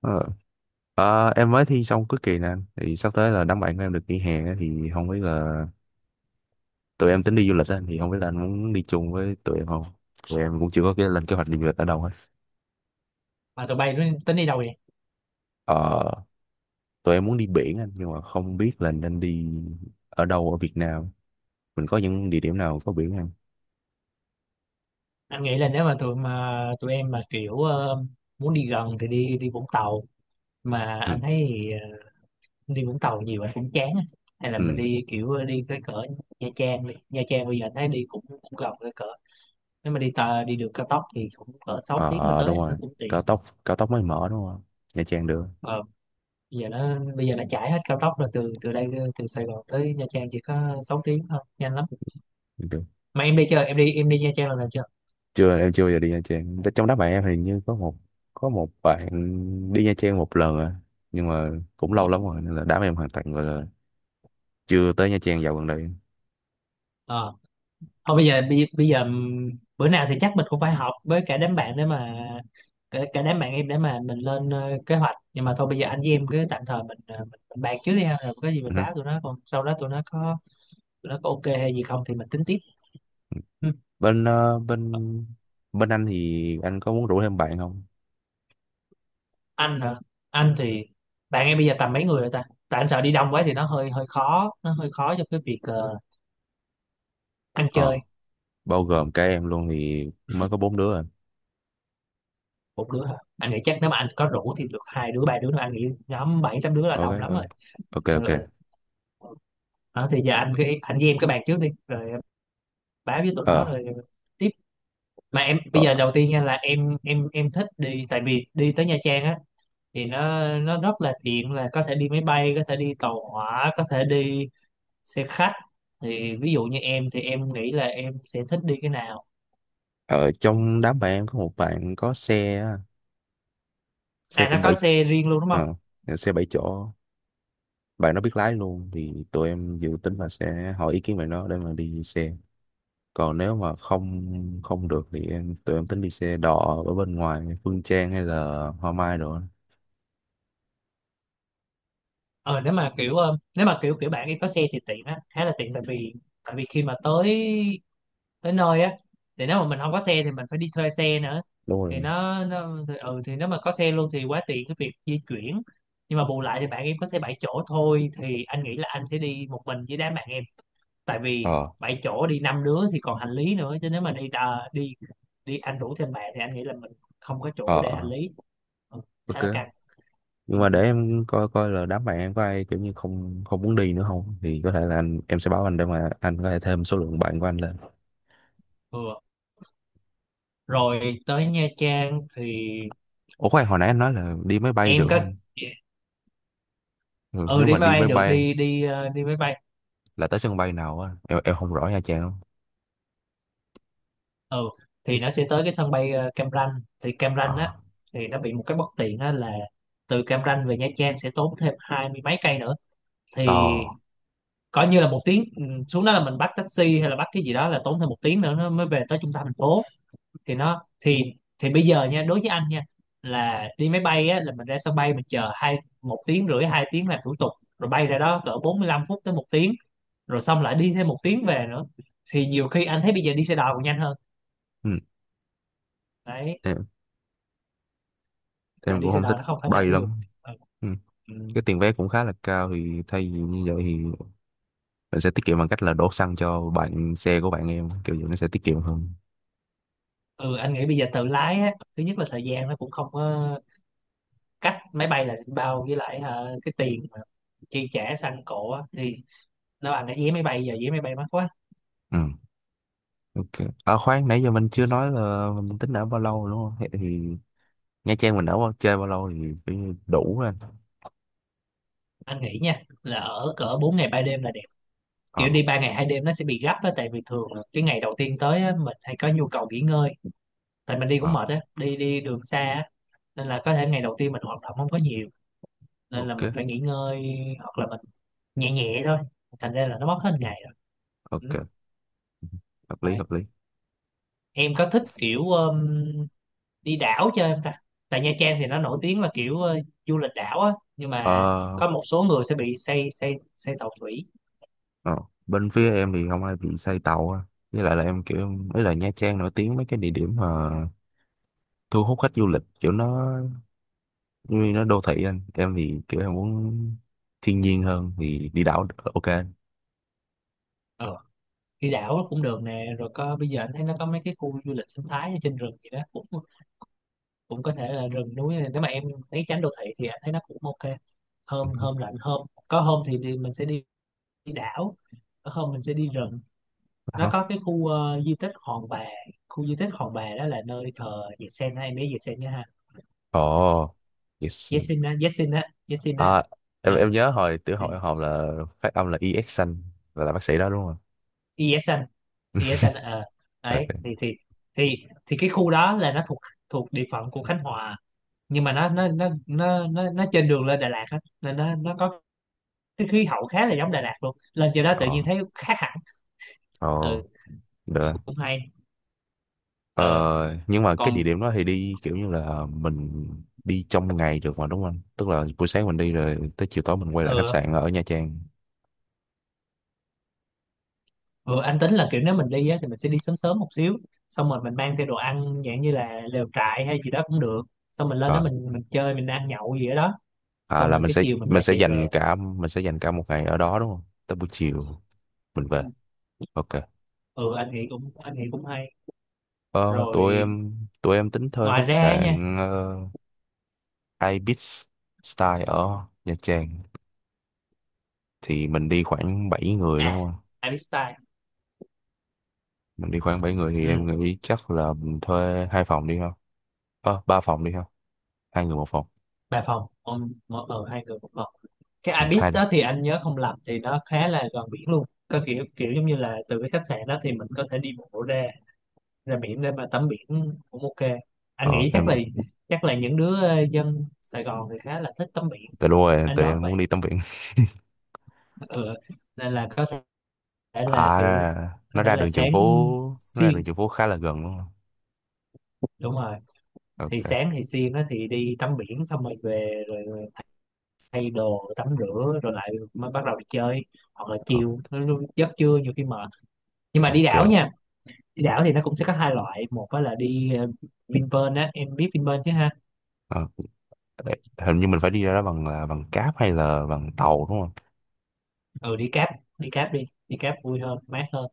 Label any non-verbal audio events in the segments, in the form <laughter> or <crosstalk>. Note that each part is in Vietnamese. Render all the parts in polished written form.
Ờ. Ờ, em mới thi xong cuối kỳ nè anh. Thì sắp tới là đám bạn của em được nghỉ hè á, thì không biết là tụi em tính đi du lịch á, thì không biết là anh muốn đi chung với tụi em không. Tụi em cũng chưa có cái lên kế hoạch đi du lịch ở đâu hết. Mà tụi bay tính đi đâu vậy? ờ, Tụi em muốn đi biển anh nhưng mà không biết là nên đi ở đâu ở Việt Nam. Mình có những địa điểm nào có biển không? Anh nghĩ là nếu mà tụi em mà kiểu muốn đi gần thì đi đi Vũng Tàu. Mà Ừ, anh thấy thì, đi Vũng Tàu nhiều anh cũng chán á. Hay là mình ừ. đi kiểu đi cái cỡ Nha Trang. Đi Nha Trang bây giờ anh thấy đi cũng gần cái cỡ, nếu mà đi đường cao tốc thì cũng cỡ 6 Ờ, tiếng là ờ, đúng tới, nó rồi. cũng tiện. Cao tốc cao tốc mới mở đúng không? Nha Trang được. ờ, Bây giờ nó chạy hết cao tốc rồi, từ từ đây từ Sài Gòn tới Nha Trang chỉ có 6 tiếng thôi, nhanh lắm. Được. Mà em đi chưa em đi em đi Nha Trang lần nào chưa? Chưa, em chưa bao giờ đi Nha Trang. Trong đám bạn em hình như có một bạn đi Nha Trang một lần à, nhưng mà cũng lâu lắm rồi nên là đám em hoàn toàn gọi là chưa tới Nha Trang dạo gần đây. Ờ. Thôi bây giờ bây, bây giờ bữa nào thì chắc mình cũng phải họp với cả đám bạn, để mà cả đám bạn em để mà mình lên kế hoạch. Nhưng mà thôi bây giờ anh với em cứ tạm thời mình bàn trước đi ha, rồi có gì Ừ mình hứ. báo tụi nó, còn sau đó tụi nó có ok hay gì không thì mình tính tiếp. Ừ. Bên ờ, bên bên anh thì anh có muốn rủ thêm bạn không? Anh hả? Anh thì bạn em bây giờ tầm mấy người rồi ta, tại anh sợ đi đông quá thì nó hơi hơi khó, nó hơi khó cho cái việc ăn ờ chơi. Bao gồm cả em luôn thì mới có bốn đứa à. Một đứa hả? Anh nghĩ chắc nếu mà anh có rủ thì được hai đứa ba đứa nữa, anh nghĩ nhóm bảy tám đứa là Ok, đông lắm rồi. ok. Ok, Ờ, ok. ừ. Ờ, thì giờ anh cứ, anh với em cái bàn trước đi rồi em báo với tụi ờ nó rồi tiếp. Mà em bây ở, giờ đầu tiên nha, là em thích đi. Tại vì đi tới Nha Trang á thì nó rất là tiện, là có thể đi máy bay, có thể đi tàu hỏa, có thể đi xe khách. Thì ví dụ như em thì em nghĩ là em sẽ thích đi cái nào? Ở trong đám bạn em có một bạn có xe á, xe À, nó cũng có bảy xe riêng luôn đúng không? ờ xe bảy chỗ. Bạn nó biết lái luôn thì tụi em dự tính là sẽ hỏi ý kiến bạn nó để mà đi xe, còn nếu mà không không được thì tụi em tính đi xe đò ở bên ngoài Phương Trang hay là Hoa Mai rồi. Ờ Nếu mà kiểu nếu mà kiểu kiểu bạn em có xe thì tiện á, khá là tiện. Tại vì, tại vì khi mà tới, tới nơi á, thì nếu mà mình không có xe thì mình phải đi thuê xe nữa. Đúng Thì rồi. Nó thì, ừ thì nếu mà có xe luôn thì quá tiện cái việc di chuyển. Nhưng mà bù lại thì bạn em có xe 7 chỗ thôi, thì anh nghĩ là anh sẽ đi một mình với đám bạn em. Tại vì Ờ, 7 chỗ đi năm đứa thì còn hành lý nữa, chứ nếu mà đi đà, đi đi anh rủ thêm bạn thì anh nghĩ là mình không có chỗ để hành ờ, lý. Ừ, khá ok, là căng. ừ, nhưng mà ừ, để em coi coi là đám bạn em có ai kiểu như không không muốn đi nữa không, thì có thể là anh em sẽ báo anh để mà anh có thể thêm số lượng bạn của anh lên. Vừa rồi, tới Nha Trang thì Ủa khoan, hồi nãy anh nói là đi máy bay em được không có. anh? Ừ, Ừ nếu Đi mà máy đi bay máy được, bay đi đi ờ, đi máy bay. là tới sân bay nào á, em không rõ Nha Trang không. Ừ, thì nó sẽ tới cái sân bay Cam Ranh. Thì Cam Ờ. Ranh á thì nó bị một cái bất tiện á, là từ Cam Ranh về Nha Trang sẽ tốn thêm hai mươi mấy cây nữa. Thì Ờ. coi như là một tiếng. Ừ, Xuống đó là mình bắt taxi hay là bắt cái gì đó, là tốn thêm một tiếng nữa nó mới về tới trung tâm thành phố. Thì nó thì thì bây giờ nha, đối với anh nha, là đi máy bay á là mình ra sân bay mình chờ một tiếng rưỡi hai tiếng làm thủ tục, rồi bay ra đó cỡ 45 phút tới một tiếng, rồi xong lại đi thêm một tiếng về nữa. Thì nhiều khi anh thấy bây giờ đi xe đò còn nhanh hơn đấy. Ừ. Thì Tại em đi cũng xe không thích đò nó không phải bay là ví dụ. lắm. Ừ. ừ, Cái tiền vé cũng khá là cao thì thay vì như vậy thì mình sẽ tiết kiệm bằng cách là đổ xăng cho bạn, xe của bạn em, kiểu vậy nó sẽ tiết kiệm hơn. ừ, anh nghĩ bây giờ tự lái á, thứ nhất là thời gian nó cũng không có cách máy bay là bao, với lại cái tiền mà chi trả xăng cộ á, thì nó bằng cái vé máy bay, giờ vé máy bay mắc quá. Ừ. Ok. À khoan, nãy giờ mình chưa nói là mình tính ở bao lâu đúng không? Thế thì Nha Trang mình chơi bao lâu thì phải đủ anh? Anh nghĩ nha là ở cỡ 4 ngày 3 đêm là đẹp, Ờ. kiểu đi 3 ngày 2 đêm nó sẽ bị gấp á, tại vì thường là cái ngày đầu tiên tới á, mình hay có nhu cầu nghỉ ngơi, tại mình đi cũng Ờ. mệt á, đi đi đường xa á, nên là có thể ngày đầu tiên mình hoạt động không có nhiều, nên là mình Ok, phải nghỉ ngơi hoặc là mình nhẹ nhẹ thôi, thành ra là nó mất hết ngày. Ừ. ok. Hợp lý, Đấy. hợp lý. Em có thích kiểu đi đảo chơi không ta? Tại Nha Trang thì nó nổi tiếng là kiểu du lịch đảo á, nhưng mà Ờ. có một số người sẽ bị say say say tàu thủy. Ờ. Bên phía em thì không ai bị say tàu á. Với lại là em kiểu ấy là Nha Trang nổi tiếng mấy cái địa điểm mà thu hút khách du lịch kiểu nó, vì nó đô thị anh, em thì kiểu em muốn thiên nhiên hơn thì đi đảo được. Ok anh. Ờ, đi đảo cũng được nè. Rồi có, bây giờ anh thấy nó có mấy cái khu du lịch sinh thái ở trên rừng gì đó, cũng cũng có thể là rừng núi, nếu mà em thấy tránh đô thị thì anh thấy nó cũng ok. Hôm hôm lạnh hôm có hôm thì đi, mình sẽ đi, đi đảo, có hôm mình sẽ đi rừng. Nó có cái khu di tích Hòn Bà. Khu di tích Hòn Bà đó là nơi thờ Yesen, hay mấy Yesen nhá ha. Ồ, yes. Yesen á, Yesen á, Yesen á, À, em ừ em nhớ hồi tiểu học em học là phát âm là EX xanh và là bác sĩ đó đúng không? Yesen. Yesen ờ Đấy, Ok. thì thì cái khu đó là nó thuộc, thuộc địa phận của Khánh Hòa. Nhưng mà nó trên đường lên Đà Lạt á, nên nó có cái khí hậu khá là giống Đà Lạt luôn, lên trên đó tự Ồ, nhiên thấy khác hẳn. ồ, Ừ, được. Rồi. cũng hay. Ờ Ờ, nhưng mà cái địa còn điểm đó thì đi kiểu như là mình đi trong ngày được mà đúng không anh? Tức là buổi sáng mình đi rồi tới chiều tối mình quay lại khách ừ sạn ở Nha Trang. Ừ, anh tính là kiểu nếu mình đi á, thì mình sẽ đi sớm sớm một xíu, xong rồi mình mang theo đồ ăn dạng như là lều trại hay gì đó cũng được, xong mình lên đó Ờ, mình chơi mình ăn nhậu gì ở đó, à xong là rồi cái chiều mình mình lại sẽ chạy dành về. cả mình sẽ dành cả một ngày ở đó đúng không? Tới buổi chiều mình về. Ừ. Ok. Ừ, anh nghĩ cũng, hay Ờ, tụi rồi em tụi em tính thuê ngoài khách ra á nha. sạn Ibis Style ở Nha Trang, thì mình đi khoảng 7 người À, đúng không? Ibis Style. Mình đi khoảng bảy người thì Ừ, em nghĩ chắc là mình thuê hai phòng đi không? Ờ, ba phòng đi không? Hai người một phòng. ba phòng, ông mỗi ở hai người một phòng. Cái Ừ, Ibis hai đi. đó thì anh nhớ không lầm thì nó khá là gần biển luôn, có kiểu kiểu giống như là từ cái khách sạn đó thì mình có thể đi bộ ra, ra biển để mà tắm biển, cũng ok. Anh Ờ, nghĩ chắc em là, những đứa dân Sài Gòn thì khá là thích tắm biển. Tại đúng rồi, Anh tụi đoán em vậy. muốn đi tắm biển. <laughs> <laughs> Ừ. Nên là có thể là À kiểu, ra, có nó thể ra là đường Trần sáng Phú, nó ra xiên. đường Trần Phú khá là gần đúng không? Đúng rồi. Thì Ok. sáng thì xiên á thì đi tắm biển xong rồi về rồi, rồi thay đồ tắm rửa rồi lại mới bắt đầu đi chơi, hoặc là Ok. chiều, nó giấc trưa nhiều khi mệt. Nhưng mà đi Ok. đảo nha, đi đảo thì nó cũng sẽ có hai loại. Một á là đi Vinpearl á, em biết Vinpearl chứ ha? Ờ, ê, hình như mình phải đi ra đó bằng cáp hay là bằng tàu đúng không? Ừ, đi cáp. Đi cáp, đi đi cáp vui hơn, mát hơn.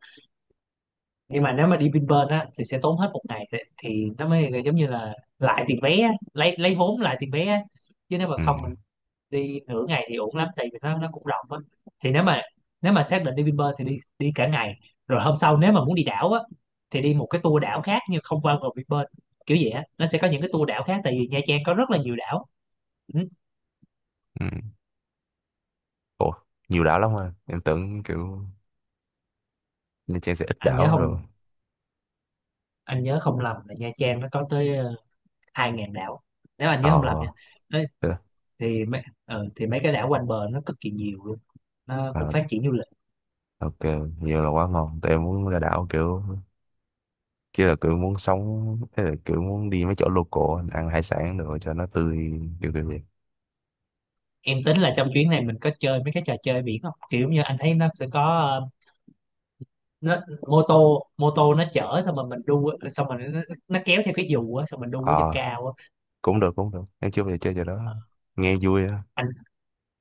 Nhưng mà nếu mà đi Vinpearl á thì sẽ tốn hết một ngày, thì nó mới giống như là lại tiền vé á, lấy vốn lại tiền vé á. Chứ nếu mà Ừ. không mình đi nửa ngày thì ổn lắm, tại vì nó cũng rộng á. Thì nếu mà, nếu mà xác định đi Vinpearl thì đi, đi cả ngày, rồi hôm sau nếu mà muốn đi đảo á thì đi một cái tour đảo khác nhưng không qua vào Vinpearl. Kiểu vậy á, nó sẽ có những cái tour đảo khác, tại vì Nha Trang có rất là nhiều đảo. Ừ. Ừ. Ủa, nhiều đảo lắm hả? Em tưởng kiểu Nha Trang sẽ ít anh nhớ đảo không rồi. anh nhớ không lầm là Nha Trang nó có tới 2.000 đảo, nếu anh nhớ Ờ, không lầm nha. thế Thì mấy, cái đảo quanh bờ nó cực kỳ nhiều luôn, nó cũng à, phát triển du lịch. ok, nhiều là quá ngon. Tụi em muốn ra đảo kiểu, kia là kiểu muốn sống, thế là kiểu muốn đi mấy chỗ local, ăn hải sản rồi cho nó tươi, kiểu kiểu vậy. Em tính là trong chuyến này mình có chơi mấy cái trò chơi biển không? Kiểu như anh thấy nó sẽ có ờ, nó mô tô nó chở, xong rồi mình đu á, xong rồi nó kéo theo cái dù á, xong mình đu ở trên Ờ, cao á. cũng được, cũng được. Em chưa bao giờ chơi chỗ đó. Ờ, Nghe vui á. anh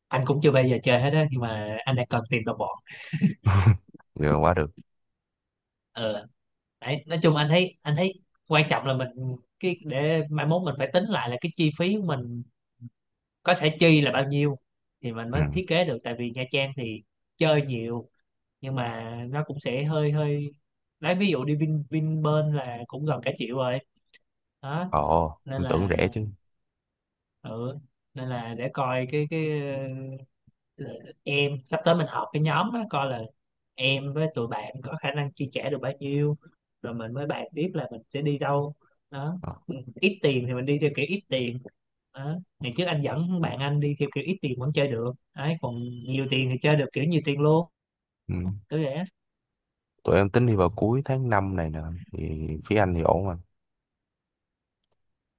anh cũng chưa bao giờ chơi hết á, nhưng mà anh đang cần tìm đồng bọn. <laughs> Giờ quá được. Ờ đấy, nói chung anh thấy, quan trọng là mình, cái để mai mốt mình phải tính lại là cái chi phí của mình có thể chi là bao nhiêu, thì mình Ừ. mới thiết kế được. Tại vì Nha Trang thì chơi nhiều, nhưng mà nó cũng sẽ hơi hơi, lấy ví dụ đi Vinpearl là cũng gần cả triệu rồi đó. Ồ, Nên em tưởng là rẻ chứ. ừ, nên là để coi cái ờ, em sắp tới mình họp cái nhóm đó coi là em với tụi bạn có khả năng chi trả được bao nhiêu, rồi mình mới bàn tiếp là mình sẽ đi đâu đó. Ờ. Ít tiền thì mình đi theo kiểu ít tiền đó. Ngày trước anh dẫn bạn anh đi theo kiểu ít tiền vẫn chơi được đấy, còn nhiều tiền thì chơi được kiểu nhiều tiền luôn. Ừ. Cứ vậy. Tụi em tính đi vào cuối tháng 5 này nè. Thì phía anh thì ổn mà.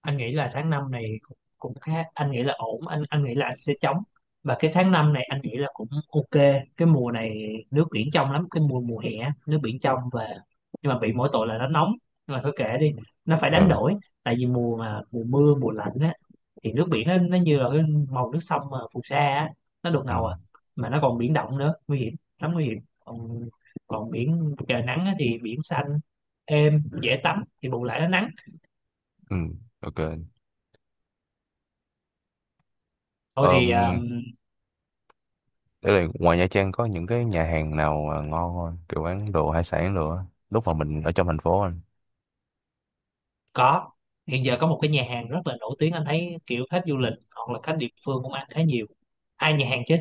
Anh nghĩ là tháng 5 này cũng khá, anh nghĩ là ổn. Anh, nghĩ là anh sẽ chống, và cái tháng 5 này anh nghĩ là cũng ok. Cái mùa này nước biển trong lắm, cái mùa mùa hè á, nước biển trong, và nhưng mà bị mỗi tội là nó nóng, nhưng mà thôi kệ đi, nó phải đánh Ừ. đổi. Tại vì mùa mà, mùa mưa mùa lạnh á, thì nước biển nó như là cái màu nước sông mà phù sa á, nó đục Ừ. ngầu à, mà nó còn biển động nữa, nguy hiểm lắm, nguy hiểm. Còn, biển trời nắng á thì biển xanh êm dễ tắm, thì bù lại nó nắng. Ừ. Ok. Thôi thì Ờm, Để rồi ngoài Nha Trang có những cái nhà hàng nào mà ngon không anh? Kiểu bán đồ hải sản đồ á. Lúc mà mình ở trong thành phố anh. có, hiện giờ có một cái nhà hàng rất là nổi tiếng, anh thấy kiểu khách du lịch hoặc là khách địa phương cũng ăn khá nhiều. Hai nhà hàng chứ.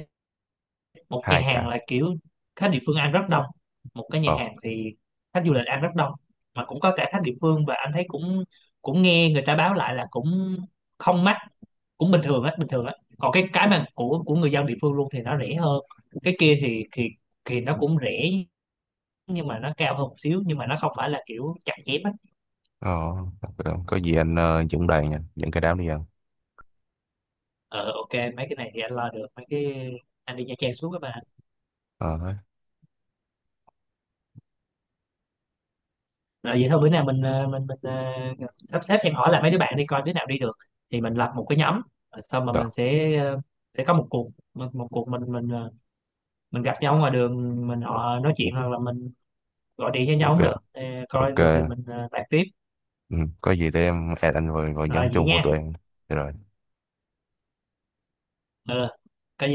Một nhà Hai cả. hàng là kiểu khách địa phương ăn rất đông, một cái nhà Ờ. hàng thì khách du lịch ăn rất đông, mà cũng có cả khách địa phương, và anh thấy cũng, nghe người ta báo lại là cũng không mắc, cũng bình thường á, bình thường á. Còn cái, mà của, người dân địa phương luôn thì nó rẻ hơn. Cái kia thì nó cũng rẻ, nhưng mà nó cao hơn một xíu, nhưng mà nó không phải là kiểu chặt chém á. Ờ. Có gì anh dẫn đoàn nha. Dẫn cái đám đi ăn. Ờ, ok, mấy cái này thì anh lo được, mấy cái, anh đi Nha Trang suốt các bạn. Ờ. Hết. À, vậy thôi bữa nào mình sắp xếp, em hỏi lại mấy đứa bạn đi coi đứa nào đi được thì mình lập một cái nhóm. Rồi xong mà Rồi. mình sẽ sẽ có một cuộc, một cuộc mình, mình gặp nhau ngoài đường mình họ nói chuyện, hoặc là mình gọi điện cho nhau Ok. cũng được. Ờ, coi Ok. được thì mình bàn tiếp. Ừ. Có gì để em add anh vào Rồi nhóm vậy chung của nha. tụi em. Được rồi. Ừ, có gì.